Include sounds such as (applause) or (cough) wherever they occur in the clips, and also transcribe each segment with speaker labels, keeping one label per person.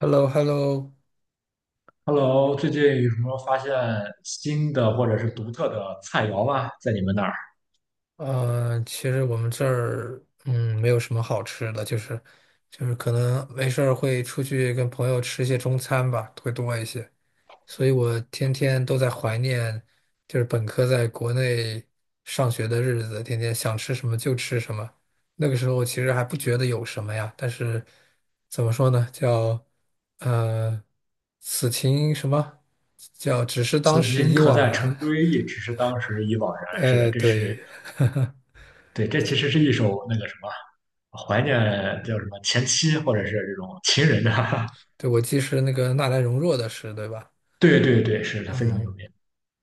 Speaker 1: h e l l o h e l l o
Speaker 2: Hello，最近有什么发现新的或者是独特的菜肴吗？在你们那儿，
Speaker 1: 其实我们这儿没有什么好吃的，就是可能没事儿会出去跟朋友吃一些中餐吧，会多一些。所以我天天都在怀念，就是本科在国内上学的日子，天天想吃什么就吃什么。那个时候其实还不觉得有什么呀，但是怎么说呢，叫呃此情什么叫只是当
Speaker 2: 此
Speaker 1: 时
Speaker 2: 情
Speaker 1: 已
Speaker 2: 可
Speaker 1: 惘
Speaker 2: 待
Speaker 1: 然，
Speaker 2: 成追忆，只是当时已惘然。
Speaker 1: (laughs)
Speaker 2: 是的，
Speaker 1: 哎，
Speaker 2: 这是
Speaker 1: 对。(laughs)
Speaker 2: 其实是一首那个什么怀念叫什么前妻或者是这种情人的。
Speaker 1: 对，我记是那个纳兰容若的诗，对吧？
Speaker 2: (laughs) 对对对，是的，非常有
Speaker 1: 嗯，
Speaker 2: 名。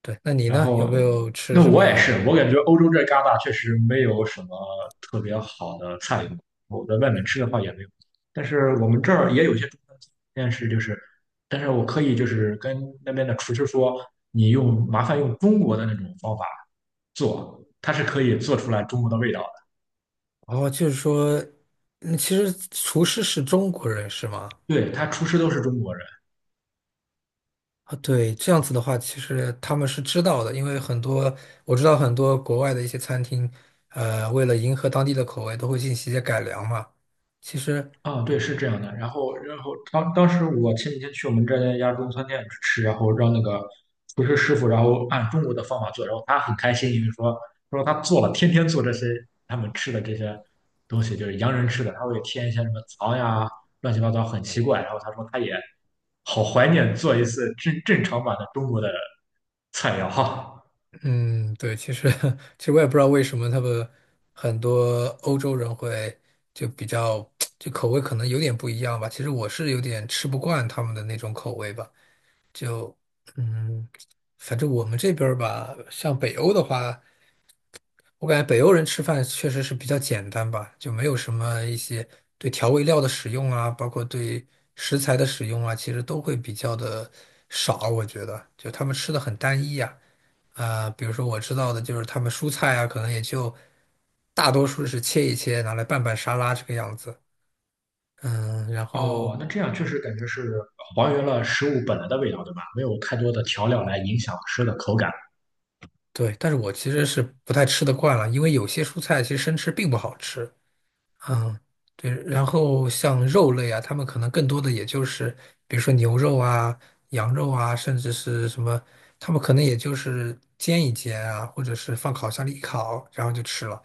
Speaker 1: 对。那你
Speaker 2: 然
Speaker 1: 呢？有没
Speaker 2: 后，
Speaker 1: 有吃
Speaker 2: 那
Speaker 1: 什
Speaker 2: 我也
Speaker 1: 么？
Speaker 2: 是，我感觉欧洲这旮沓确实没有什么特别好的菜品，我在外面吃的话也没有。但是我们这儿也有一些中餐厅，但是我可以跟那边的厨师说，你麻烦用中国的那种方法做，它是可以做出来中国的味道的。
Speaker 1: 哦，就是说，其实厨师是中国人是吗？
Speaker 2: 对，他厨师都是中国人。
Speaker 1: 啊，对，这样子的话，其实他们是知道的，因为我知道很多国外的一些餐厅，为了迎合当地的口味，都会进行一些改良嘛。其实
Speaker 2: 啊，对，是这样的。当时我前几天去我们一家中餐店吃，然后让那个厨师师傅，然后按中国的方法做，然后他很开心，因为说他做了，天天做这些他们吃的这些东西，就是洋人吃的，他会添一些什么糖呀，乱七八糟，很奇怪。然后他说他也好怀念做一次正常版的中国的菜肴哈。(laughs)
Speaker 1: 嗯，对，其实 (laughs) 其实我也不知道为什么他们很多欧洲人会就比较 (tsk) 就口味可能有点不一样吧。其实我是有点吃不惯他们的那种口味吧。就嗯，反正我们这边儿吧，像北欧的话。我感觉北欧人吃饭确实是比较简单吧，就没有什么一些对调味料的使用啊，包括对食材的使用啊，其实都会比较的少。我觉得，就他们吃的很单一呀。啊，比如说我知道的就是他们蔬菜啊，可能也就大多数是切一切，拿来拌拌沙拉这个样子。嗯，然
Speaker 2: 哦，
Speaker 1: 后
Speaker 2: 那这样确实感觉是还原了食物本来的味道，对吧？没有太多的调料来影响吃的口感。
Speaker 1: 对，但是我其实是不太吃得惯了，因为有些蔬菜其实生吃并不好吃。嗯，对，然后像肉类啊，他们可能更多的也就是，比如说牛肉啊、羊肉啊，甚至是什么，他们可能也就是煎一煎啊，或者是放烤箱里一烤，然后就吃了，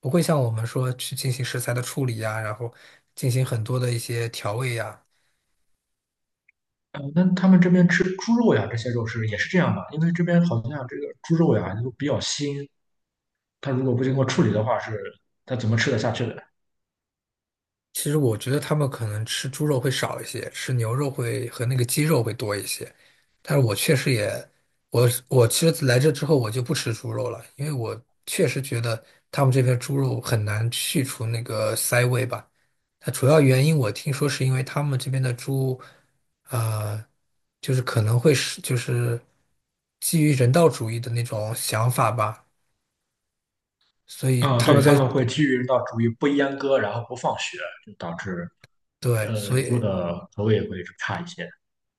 Speaker 1: 不会像我们说去进行食材的处理呀、然后进行很多的一些调味呀、
Speaker 2: 那他们这边吃猪肉呀，这些肉是也是这样吧？因为这边好像这个猪肉呀都比较腥，它如果不经过处理的话它怎么吃得下去的？
Speaker 1: 其实我觉得他们可能吃猪肉会少一些，吃牛肉会和那个鸡肉会多一些。但是我确实也，我其实来这之后我就不吃猪肉了，因为我确实觉得他们这边猪肉很难去除那个膻味吧。它主要原因我听说是因为他们这边的猪，呃，就是可能会是就是基于人道主义的那种想法吧，所以
Speaker 2: 啊、
Speaker 1: 他
Speaker 2: 对，
Speaker 1: 们
Speaker 2: 他
Speaker 1: 在，
Speaker 2: 们会基于人道主义不阉割，然后不放血，就导致
Speaker 1: 对，所
Speaker 2: 猪
Speaker 1: 以
Speaker 2: 的口味会差一些。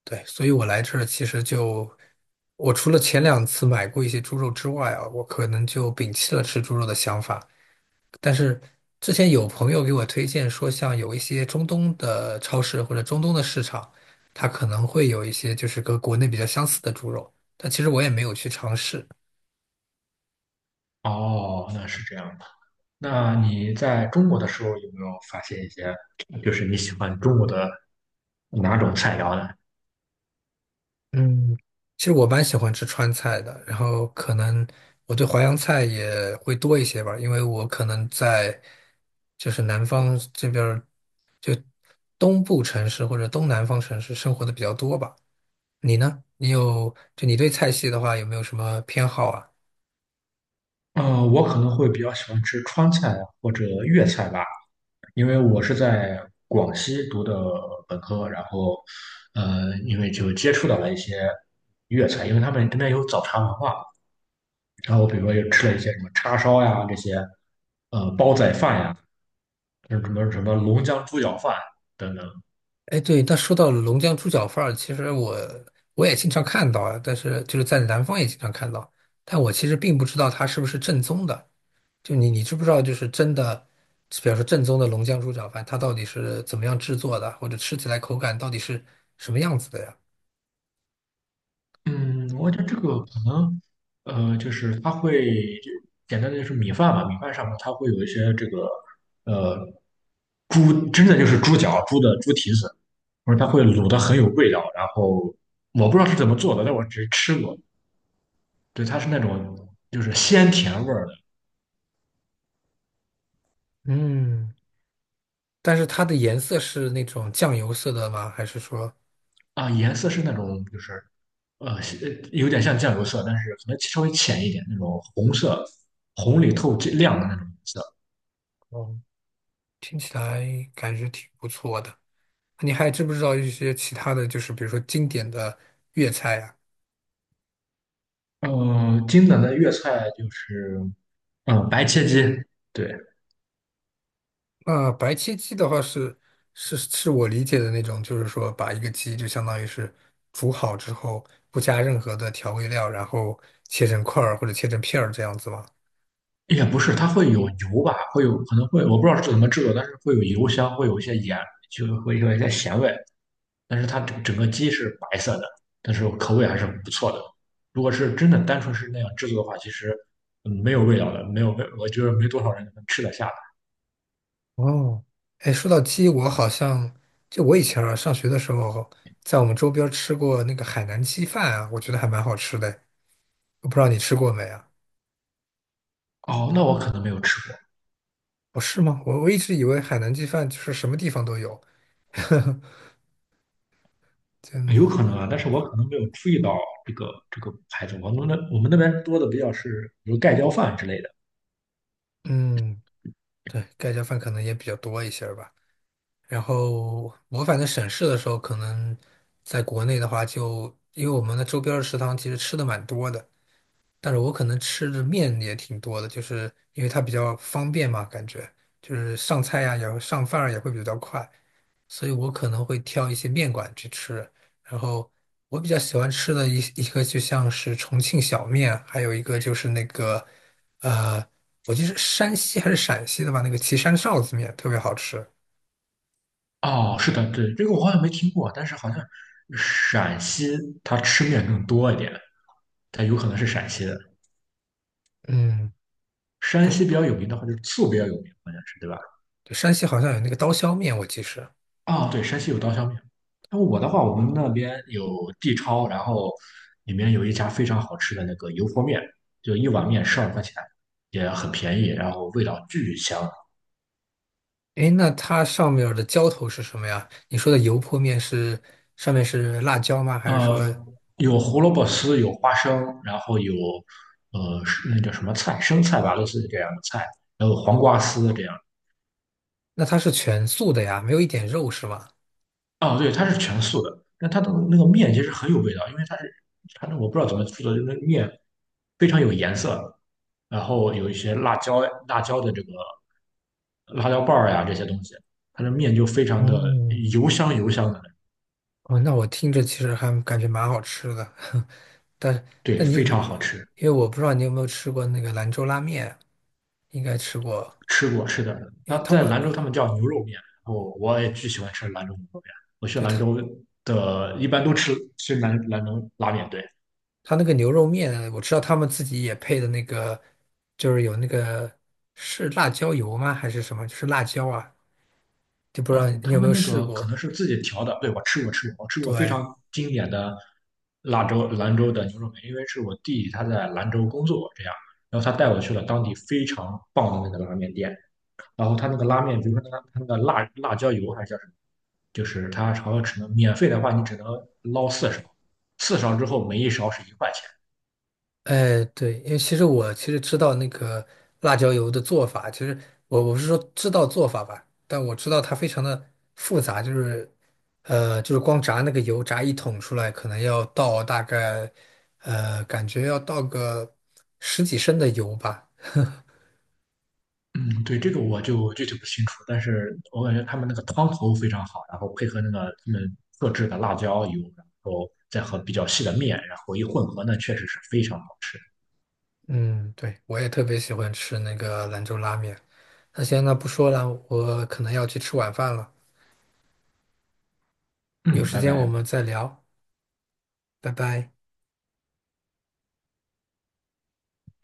Speaker 1: 对，所以我来这儿其实就，我除了前两次买过一些猪肉之外啊，我可能就摒弃了吃猪肉的想法。但是之前有朋友给我推荐说，像有一些中东的超市或者中东的市场，它可能会有一些就是跟国内比较相似的猪肉，但其实我也没有去尝试。
Speaker 2: 哦，那是这样的。那你在中国的时候有没有发现一些，就是你喜欢中国的哪种菜肴呢？
Speaker 1: 嗯，其实我蛮喜欢吃川菜的，然后可能我对淮扬菜也会多一些吧，因为我可能在就是南方这边儿，就东部城市或者东南方城市生活的比较多吧。你呢？你有，就你对菜系的话，有没有什么偏好啊？
Speaker 2: 我可能会比较喜欢吃川菜或者粤菜吧。因为我是在广西读的本科，因为就接触到了一些粤菜，因为他们那边有早茶文化，然后我比如说又吃了一些什么叉烧呀，这些，呃，煲仔饭呀，什么龙江猪脚饭等等。
Speaker 1: 哎，对，那说到龙江猪脚饭儿，其实我也经常看到啊，但是就是在南方也经常看到，但我其实并不知道它是不是正宗的。就你知不知道，就是真的，比方说正宗的龙江猪脚饭，它到底是怎么样制作的，或者吃起来口感到底是什么样子的呀？
Speaker 2: 嗯，我觉得这个可能，就是它会就简单的就是米饭嘛，米饭上面它会有一些这个，呃，猪真的就是猪脚、猪蹄子，或者它会卤的很有味道。然后我不知道是怎么做的，但我只是吃过，对，它是那种就是鲜甜味儿的。
Speaker 1: 嗯，但是它的颜色是那种酱油色的吗？还是说
Speaker 2: 啊，颜色是那种就是有点像酱油色，但是可能稍微浅一点那种红色，红里透亮的那种色。
Speaker 1: 哦，听起来感觉挺不错的？你还知不知道一些其他的就是比如说经典的粤菜啊？
Speaker 2: 经典的粤菜就是，嗯，白切鸡，对，
Speaker 1: 啊、白切鸡的话是我理解的那种，就是说把一个鸡就相当于是煮好之后，不加任何的调味料，然后切成块儿或者切成片儿这样子吗？
Speaker 2: 也不是，它会有油吧，可能会，我不知道是怎么制作，但是会有油香，会有一些盐，就会有一些咸味，但是它整个鸡是白色的，但是口味还是不错的。如果是真的单纯是那样制作的话，其实没有味道的，没有味，我觉得没多少人能吃得下
Speaker 1: 哦，哎，说到鸡，我好像就我以前啊上学的时候，在我们周边儿吃过那个海南鸡饭啊，我觉得还蛮好吃的。我不知道你吃过没啊？
Speaker 2: 的。哦，那我可能没有吃
Speaker 1: 哦，是吗？我一直以为海南鸡饭就是什么地方都有，(laughs) 就
Speaker 2: 过，有可能啊，但是我可能没有注意到这个牌子，我们那边多的比较是比如盖浇饭之类的。
Speaker 1: 嗯，对，盖浇饭可能也比较多一些儿吧。然后我反正省事的时候，可能在国内的话就，因为我们的周边儿的食堂其实吃的蛮多的，但是我可能吃的面也挺多的，就是因为它比较方便嘛，感觉就是上菜呀、也会上饭儿也会比较快，所以我可能会挑一些面馆去吃。然后我比较喜欢吃的一个就像是重庆小面，还有一个就是那个呃，我记得是山西还是陕西的吧，那个岐山臊子面特别好吃。
Speaker 2: 哦，是的，对，这个我好像没听过，但是好像陕西它吃面更多一点，它有可能是陕西的。
Speaker 1: 嗯。
Speaker 2: 山西
Speaker 1: 对。
Speaker 2: 比较有名的话，就是醋比较有名，好像是对吧？
Speaker 1: 对，山西好像有那个刀削面，我记是。
Speaker 2: 啊、对，山西有刀削面。那我的话，我们那边有地超，然后里面有一家非常好吃的那个油泼面，就一碗面12块钱，也很便宜，然后味道巨香。
Speaker 1: 诶，那它上面儿的浇头是什么呀？你说的油泼面是上面是辣椒吗？还是说
Speaker 2: 呃，有胡萝卜丝，有花生，然后有那叫什么菜，生菜吧，类似于这样的菜，还有黄瓜丝这样。
Speaker 1: 那它是全素的呀？没有一点肉是吗？
Speaker 2: 哦，对，它是全素的，但它的那个面其实很有味道，因为它是它那我不知道怎么做的，就是那个面非常有颜色，然后有一些辣椒的这个辣椒瓣儿呀这些东西，它的面就非常的
Speaker 1: 嗯，
Speaker 2: 油香的，
Speaker 1: 哦，那我听着其实还感觉蛮好吃的，但
Speaker 2: 对，
Speaker 1: 但你
Speaker 2: 非
Speaker 1: 你
Speaker 2: 常好吃。
Speaker 1: 因为我不知道你有没有吃过那个兰州拉面，应该吃过，
Speaker 2: 吃过，是的，
Speaker 1: 因
Speaker 2: 它
Speaker 1: 为他
Speaker 2: 在
Speaker 1: 们
Speaker 2: 兰州他们叫牛肉面，我也巨喜欢吃兰州牛肉面。我去
Speaker 1: 对
Speaker 2: 兰
Speaker 1: 他
Speaker 2: 州的，一般都吃兰州拉面，对。
Speaker 1: 他那个牛肉面，我知道他们自己也配的那个，就是有那个是辣椒油吗？还是什么？就是辣椒啊，就不知道
Speaker 2: 嗯，
Speaker 1: 你
Speaker 2: 他
Speaker 1: 有没
Speaker 2: 们
Speaker 1: 有
Speaker 2: 那
Speaker 1: 试
Speaker 2: 个可
Speaker 1: 过？
Speaker 2: 能是自己调的，对，我吃过吃过，我吃过非
Speaker 1: 对，
Speaker 2: 常经典的兰州的牛肉面，因为是我弟他在兰州工作这样，然后他带我去了当地非常棒的那个拉面店。然后它那个拉面，比如说它那个辣椒油还是叫什么，就是它好像只能免费的话，你只能捞四勺，四勺之后每1勺是1块钱。
Speaker 1: 哎，对，因为其实我知道那个辣椒油的做法，其实我不是说知道做法吧，但我知道它非常的复杂，就是光炸那个油，炸一桶出来，可能要倒大概感觉要倒个十几升的油吧。
Speaker 2: 嗯，对，这个我就具体不清楚，但是我感觉他们那个汤头非常好，然后配合那个他们特制的辣椒油，然后再和比较细的面，然后一混合呢，确实是非常好吃。
Speaker 1: 嗯，对，我也特别喜欢吃那个兰州拉面。那行，那不说了，我可能要去吃晚饭了，有
Speaker 2: 嗯，
Speaker 1: 时
Speaker 2: 拜
Speaker 1: 间我
Speaker 2: 拜。
Speaker 1: 们再聊，拜拜。